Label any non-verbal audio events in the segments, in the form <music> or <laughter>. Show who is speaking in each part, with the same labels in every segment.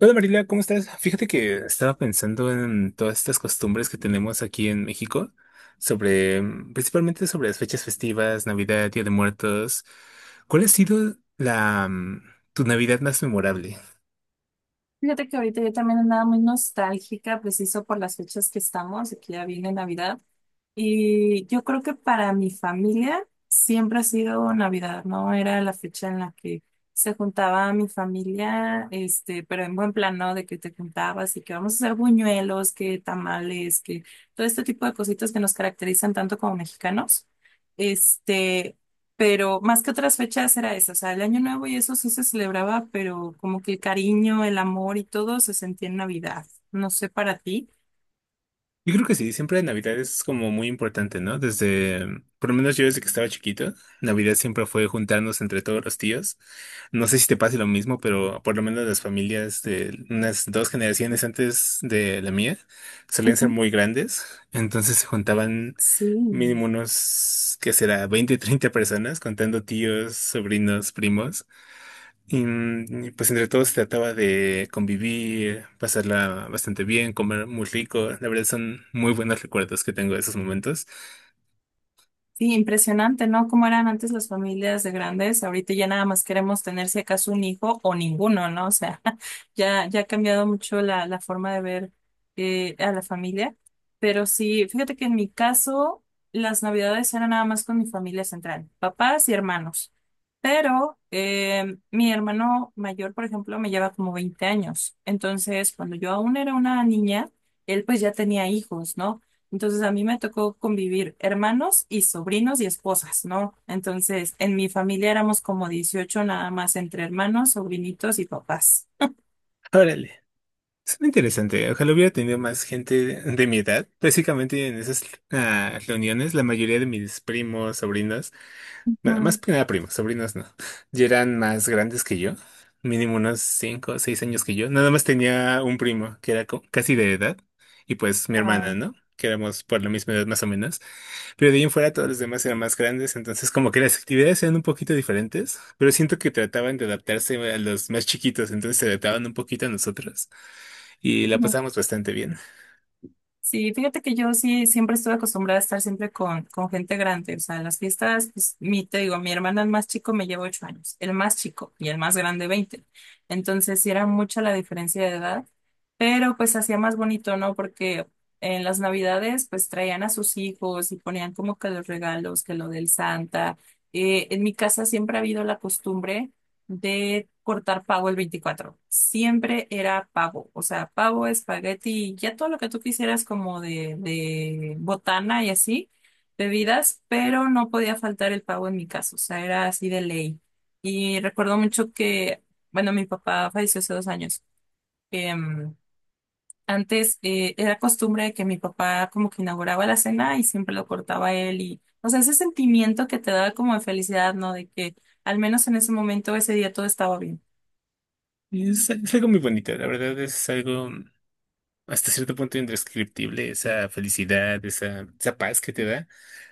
Speaker 1: Hola Marilia, ¿cómo estás? Fíjate que estaba pensando en todas estas costumbres que tenemos aquí en México, sobre, principalmente sobre las fechas festivas, Navidad, Día de Muertos. ¿Cuál ha sido tu Navidad más memorable?
Speaker 2: Fíjate que ahorita yo también andaba muy nostálgica, preciso por las fechas que estamos, aquí ya viene Navidad. Y yo creo que para mi familia siempre ha sido Navidad, ¿no? Era la fecha en la que se juntaba mi familia, este, pero en buen plan, ¿no? De que te juntabas y que vamos a hacer buñuelos, que tamales, que todo este tipo de cositas que nos caracterizan tanto como mexicanos. Este, pero más que otras fechas era eso, o sea, el Año Nuevo y eso sí se celebraba, pero como que el cariño, el amor y todo se sentía en Navidad. No sé para ti.
Speaker 1: Yo creo que sí, siempre Navidad es como muy importante, ¿no? Desde, por lo menos yo desde que estaba chiquito, Navidad siempre fue juntarnos entre todos los tíos. No sé si te pase lo mismo, pero por lo menos las familias de unas 2 generaciones antes de la mía solían
Speaker 2: Ujú.
Speaker 1: ser muy grandes, entonces se juntaban
Speaker 2: Sí.
Speaker 1: mínimo unos, ¿qué será? 20, 30 personas, contando tíos, sobrinos, primos. Y pues entre todos se trataba de convivir, pasarla bastante bien, comer muy rico. La verdad son muy buenos recuerdos que tengo de esos momentos.
Speaker 2: Sí, impresionante, ¿no? Cómo eran antes las familias de grandes. Ahorita ya nada más queremos tener si acaso un hijo o ninguno, ¿no? O sea, <laughs> ya, ya ha cambiado mucho la forma de ver a la familia. Pero sí, fíjate que en mi caso, las navidades eran nada más con mi familia central, papás y hermanos. Pero mi hermano mayor, por ejemplo, me lleva como 20 años. Entonces, cuando yo aún era una niña, él pues ya tenía hijos, ¿no? Entonces a mí me tocó convivir hermanos y sobrinos y esposas, ¿no? Entonces en mi familia éramos como 18 nada más entre hermanos, sobrinitos y papás.
Speaker 1: Órale, suena interesante. Ojalá hubiera tenido más gente de mi edad. Básicamente en esas reuniones, la mayoría de mis primos, sobrinos, más
Speaker 2: Ujú.
Speaker 1: que nada primos, sobrinos no, ya eran más grandes que yo, mínimo unos 5 o 6 años que yo. Nada más tenía un primo que era casi de edad y pues mi hermana,
Speaker 2: Ah.
Speaker 1: ¿no? Que éramos por la misma edad más o menos. Pero de ahí en fuera todos los demás eran más grandes, entonces como que las actividades eran un poquito diferentes, pero siento que trataban de adaptarse a los más chiquitos, entonces se adaptaban un poquito a nosotros y la pasábamos bastante bien.
Speaker 2: Sí, fíjate que yo sí siempre estuve acostumbrada a estar siempre con gente grande. O sea, en las fiestas, pues, te digo, mi hermano el más chico me lleva ocho años, el más chico y el más grande veinte. Entonces, sí era mucha la diferencia de edad, pero pues hacía más bonito, ¿no? Porque en las Navidades, pues traían a sus hijos y ponían como que los regalos, que lo del Santa. En mi casa siempre ha habido la costumbre de cortar pavo el veinticuatro. Siempre era pavo, o sea, pavo, espagueti, ya todo lo que tú quisieras como de, botana y así, bebidas, pero no podía faltar el pavo en mi caso, o sea, era así de ley. Y recuerdo mucho que, bueno, mi papá falleció hace dos años. em, antes, era costumbre que mi papá como que inauguraba la cena y siempre lo cortaba él y, o sea, ese sentimiento que te da como de felicidad, ¿no? De que al menos en ese momento, ese día todo estaba bien.
Speaker 1: Y es algo muy bonito, la verdad es algo, hasta cierto punto indescriptible esa felicidad, esa paz que te da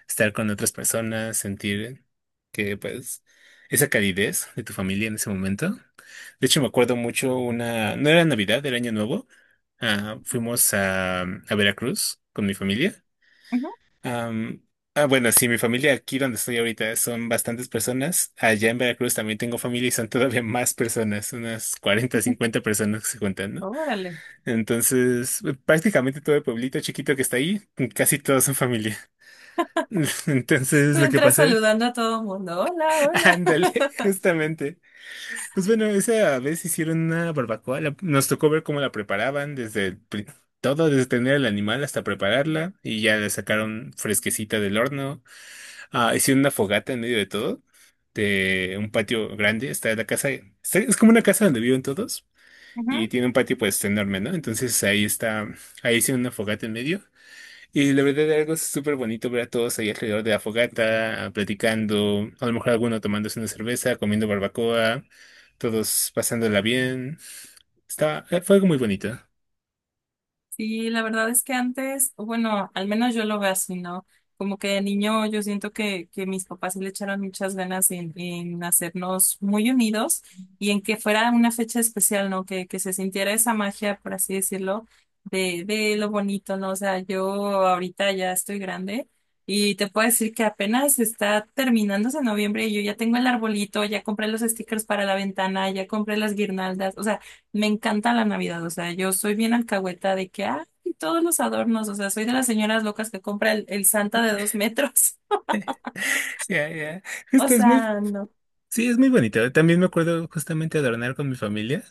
Speaker 1: estar con otras personas, sentir que pues esa calidez de tu familia en ese momento. De hecho, me acuerdo mucho no era Navidad, era Año Nuevo. Fuimos a Veracruz con mi familia.
Speaker 2: Ujú,
Speaker 1: Am, bueno, sí, mi familia aquí donde estoy ahorita son bastantes personas. Allá en Veracruz también tengo familia y son todavía más personas, unas cuarenta
Speaker 2: ujú.
Speaker 1: cincuenta personas que se cuentan, ¿no?
Speaker 2: Órale.
Speaker 1: Entonces, prácticamente todo el pueblito chiquito que está ahí, casi todos son familia. <laughs>
Speaker 2: Tú
Speaker 1: Entonces, lo que
Speaker 2: entras
Speaker 1: pasé,
Speaker 2: saludando a todo el mundo. Hola,
Speaker 1: <laughs>
Speaker 2: hola.
Speaker 1: ándale, justamente. Pues bueno, esa vez hicieron una barbacoa, nos tocó ver cómo la preparaban, todo, desde tener el animal hasta prepararla, y ya la sacaron fresquecita del horno. Ah, hicieron una fogata en medio de todo, de un patio grande, está la casa, es como una casa donde viven todos,
Speaker 2: Ujú.
Speaker 1: y tiene un patio pues enorme, ¿no? Entonces ahí está, ahí hicieron una fogata en medio. Y la verdad algo es súper bonito ver a todos ahí alrededor de la fogata, ah, platicando, a lo mejor alguno tomándose una cerveza, comiendo barbacoa, todos pasándola bien. Fue algo muy bonito.
Speaker 2: Sí, la verdad es que antes, o bueno, al menos yo lo veo así, ¿no? Como que de niño yo siento que mis papás sí le echaron muchas ganas en hacernos muy unidos y en que fuera una fecha especial, ¿no? Que se sintiera esa magia, por así decirlo, de lo bonito, ¿no? O sea, yo ahorita ya estoy grande y te puedo decir que apenas está terminándose noviembre y yo ya tengo el arbolito, ya compré los stickers para la ventana, ya compré las guirnaldas, o sea, me encanta la Navidad, o sea, yo soy bien alcahueta de que, ah, y todos los adornos, o sea, soy de las señoras locas que compra el Santa de dos metros. <laughs>
Speaker 1: <laughs> Ya, ya.
Speaker 2: O
Speaker 1: Esto es muy,
Speaker 2: sea, no.
Speaker 1: sí, es muy bonito. También me acuerdo justamente adornar con mi familia,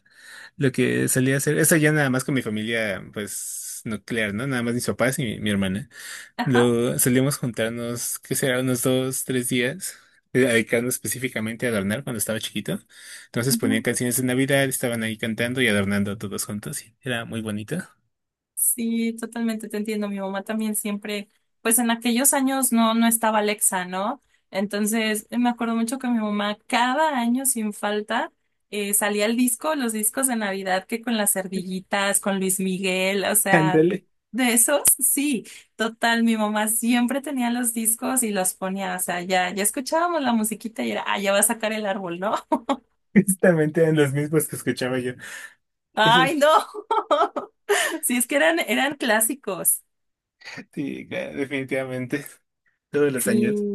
Speaker 1: lo que solía hacer, eso ya nada más con mi familia, pues, nuclear, ¿no? Nada más mis papás y mi hermana.
Speaker 2: Ajá.
Speaker 1: Lo solíamos juntarnos, que será? Unos 2, 3 días, dedicando específicamente a adornar cuando estaba chiquito. Entonces ponían canciones de Navidad, estaban ahí cantando y adornando todos juntos, y era muy bonito.
Speaker 2: Sí, totalmente te entiendo. Mi mamá también siempre, pues en aquellos años no, no estaba Alexa, ¿no? Entonces, me acuerdo mucho que mi mamá cada año sin falta salía el disco, los discos de Navidad que con las ardillitas, con Luis Miguel, o sea,
Speaker 1: Ándale,
Speaker 2: de esos, sí, total, mi mamá siempre tenía los discos y los ponía, o sea, ya, ya escuchábamos la musiquita y era, ah, ya va a sacar el árbol, ¿no?
Speaker 1: <laughs> justamente eran los mismos que escuchaba yo.
Speaker 2: <laughs>
Speaker 1: Esos,
Speaker 2: Ay, no. <laughs> Sí, es que eran, eran clásicos.
Speaker 1: sí, claro, definitivamente, todos los
Speaker 2: Sí.
Speaker 1: años.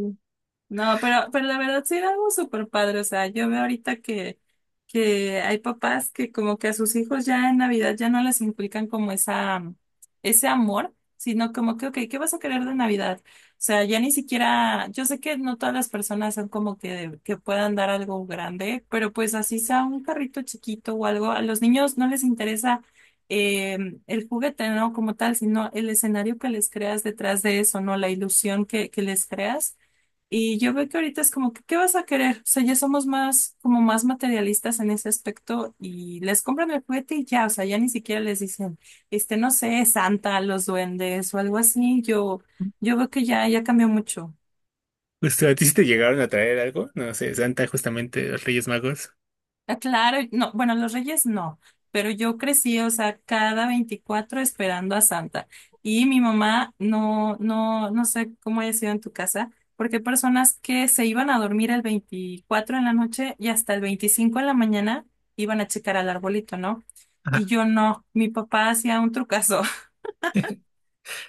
Speaker 2: No, pero, la verdad sí era algo súper padre. O sea, yo veo ahorita que hay papás que como que a sus hijos ya en Navidad ya no les inculcan como esa, ese amor, sino como que, ok, ¿qué vas a querer de Navidad? O sea, ya ni siquiera, yo sé que no todas las personas son como que puedan dar algo grande, pero pues así sea un carrito chiquito o algo, a los niños no les interesa eh, el juguete, ¿no? Como tal, sino el escenario que les creas detrás de eso, ¿no? La ilusión que les creas. Y yo veo que ahorita es como que, ¿qué vas a querer? O sea, ya somos más, como más materialistas en ese aspecto y les compran el juguete y ya, o sea, ya ni siquiera les dicen, este, no sé, Santa, los duendes o algo así. Yo veo que ya, ya cambió mucho.
Speaker 1: Justo, ¿a ti sí te llegaron a traer algo? No sé, Santa, justamente, los Reyes Magos.
Speaker 2: Ah, claro, no, bueno, los Reyes no, pero yo crecí, o sea, cada 24 esperando a Santa. Y mi mamá, no, no, no sé cómo haya sido en tu casa, porque hay personas que se iban a dormir el 24 en la noche y hasta el 25 en la mañana iban a checar al arbolito, ¿no? Y yo no, mi papá hacía un trucazo.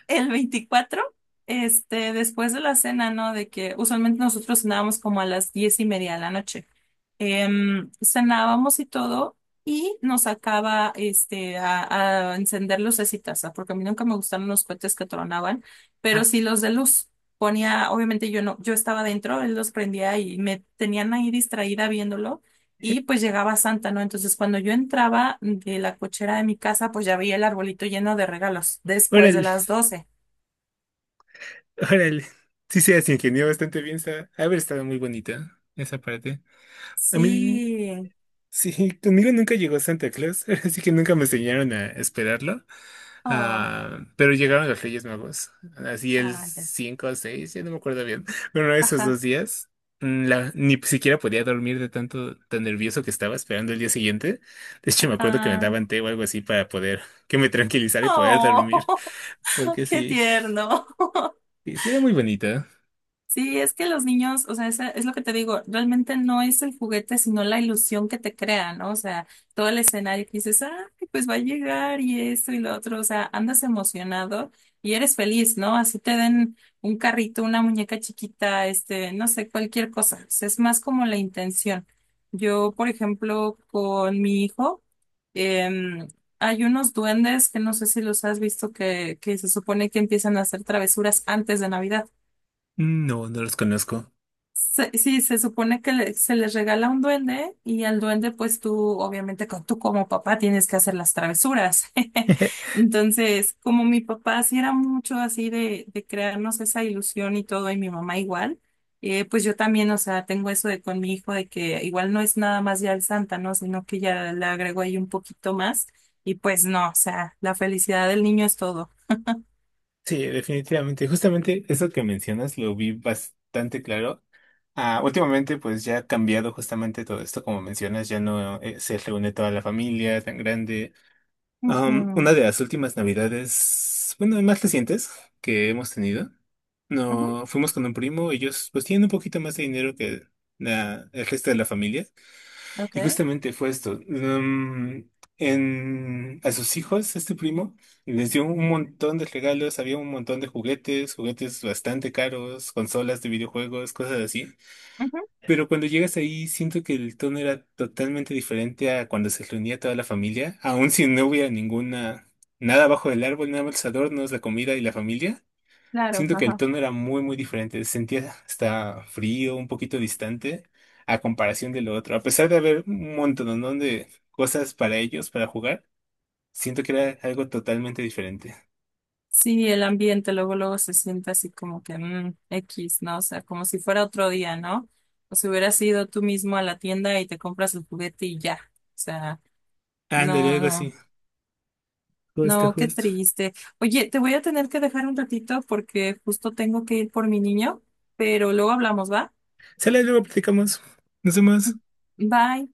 Speaker 2: El veinticuatro, este, después de la cena, ¿no? De que usualmente nosotros cenábamos como a las diez y media de la noche. Cenábamos y todo, y nos sacaba este, a encender lucecitas, ¿ah? Porque a mí nunca me gustaron los cohetes que tronaban,
Speaker 1: Ah,
Speaker 2: pero sí los de luz. Ponía, obviamente yo no, yo estaba dentro, él los prendía y me tenían ahí distraída viéndolo.
Speaker 1: eh,
Speaker 2: Y pues llegaba Santa, ¿no? Entonces cuando yo entraba de la cochera de mi casa, pues ya veía el arbolito lleno de regalos después de
Speaker 1: Órale,
Speaker 2: las doce.
Speaker 1: órale. Sí, se las ingenió bastante bien, ha haber estado muy bonita esa parte. A mí.
Speaker 2: Sí.
Speaker 1: Sí, conmigo nunca llegó Santa Claus, <laughs> así que nunca me enseñaron a esperarlo.
Speaker 2: Oh,
Speaker 1: Ah, pero llegaron los Reyes Magos, así el
Speaker 2: ah, ya.
Speaker 1: 5 o 6, ya no me acuerdo bien. Bueno, esos dos
Speaker 2: Ajá,
Speaker 1: días, ni siquiera podía dormir de tanto, tan nervioso que estaba esperando el día siguiente. De hecho, me acuerdo que me
Speaker 2: ajá.
Speaker 1: daban té o algo así para poder, que me tranquilizara y poder dormir,
Speaker 2: Oh,
Speaker 1: <laughs>
Speaker 2: <laughs>
Speaker 1: porque
Speaker 2: qué tierno. <laughs>
Speaker 1: sí sí era muy bonita.
Speaker 2: Sí, es que los niños, o sea, es, lo que te digo, realmente no es el juguete, sino la ilusión que te crea, ¿no? O sea, todo el escenario que dices, ah, pues va a llegar y esto y lo otro, o sea, andas emocionado y eres feliz, ¿no? Así te den un carrito, una muñeca chiquita, este, no sé, cualquier cosa. O sea, es más como la intención. Yo, por ejemplo, con mi hijo, em, hay unos duendes que no sé si los has visto que se supone que empiezan a hacer travesuras antes de Navidad.
Speaker 1: No, no los conozco.
Speaker 2: Sí, se supone que se les regala un duende y al duende pues tú obviamente tú como papá tienes que hacer las travesuras. <laughs>
Speaker 1: <laughs>
Speaker 2: Entonces, como mi papá sí era mucho así de, crearnos esa ilusión y todo y mi mamá igual, pues yo también, o sea, tengo eso de con mi hijo de que igual no es nada más ya el Santa, ¿no? Sino que ya le agrego ahí un poquito más y pues no, o sea, la felicidad del niño es todo.
Speaker 1: Sí, definitivamente. Justamente eso que mencionas lo vi bastante claro. Últimamente, pues ya ha cambiado justamente todo esto, como mencionas, ya no se reúne toda la familia tan grande. Una
Speaker 2: Ujú,
Speaker 1: de las últimas navidades, bueno, más recientes que hemos tenido,
Speaker 2: ujú,
Speaker 1: no fuimos con un primo, ellos pues tienen un poquito más de dinero que el resto de la familia.
Speaker 2: ok,
Speaker 1: Y justamente fue esto. A sus hijos, este primo, les dio un montón de regalos, había un montón de juguetes, juguetes bastante caros, consolas de videojuegos, cosas así.
Speaker 2: ujú,
Speaker 1: Pero cuando llegas ahí, siento que el tono era totalmente diferente a cuando se reunía toda la familia, aun si no hubiera ninguna, nada bajo el árbol, nada más los adornos, la comida y la familia.
Speaker 2: claro,
Speaker 1: Siento que el
Speaker 2: ajá.
Speaker 1: tono era muy, muy diferente. Se sentía hasta frío, un poquito distante a comparación de lo otro. A pesar de haber un montón, ¿no? De cosas para ellos, para jugar, siento que era algo totalmente diferente.
Speaker 2: Sí, el ambiente luego luego se siente así como que X, ¿no? O sea, como si fuera otro día, ¿no? O si hubieras ido tú mismo a la tienda y te compras el juguete y ya. O sea,
Speaker 1: Ándale,
Speaker 2: no,
Speaker 1: algo
Speaker 2: no,
Speaker 1: así. Justo,
Speaker 2: no, qué
Speaker 1: justo.
Speaker 2: triste. Oye, te voy a tener que dejar un ratito porque justo tengo que ir por mi niño, pero luego hablamos, ¿va?
Speaker 1: Sale, luego platicamos. Nos vemos.
Speaker 2: Bye.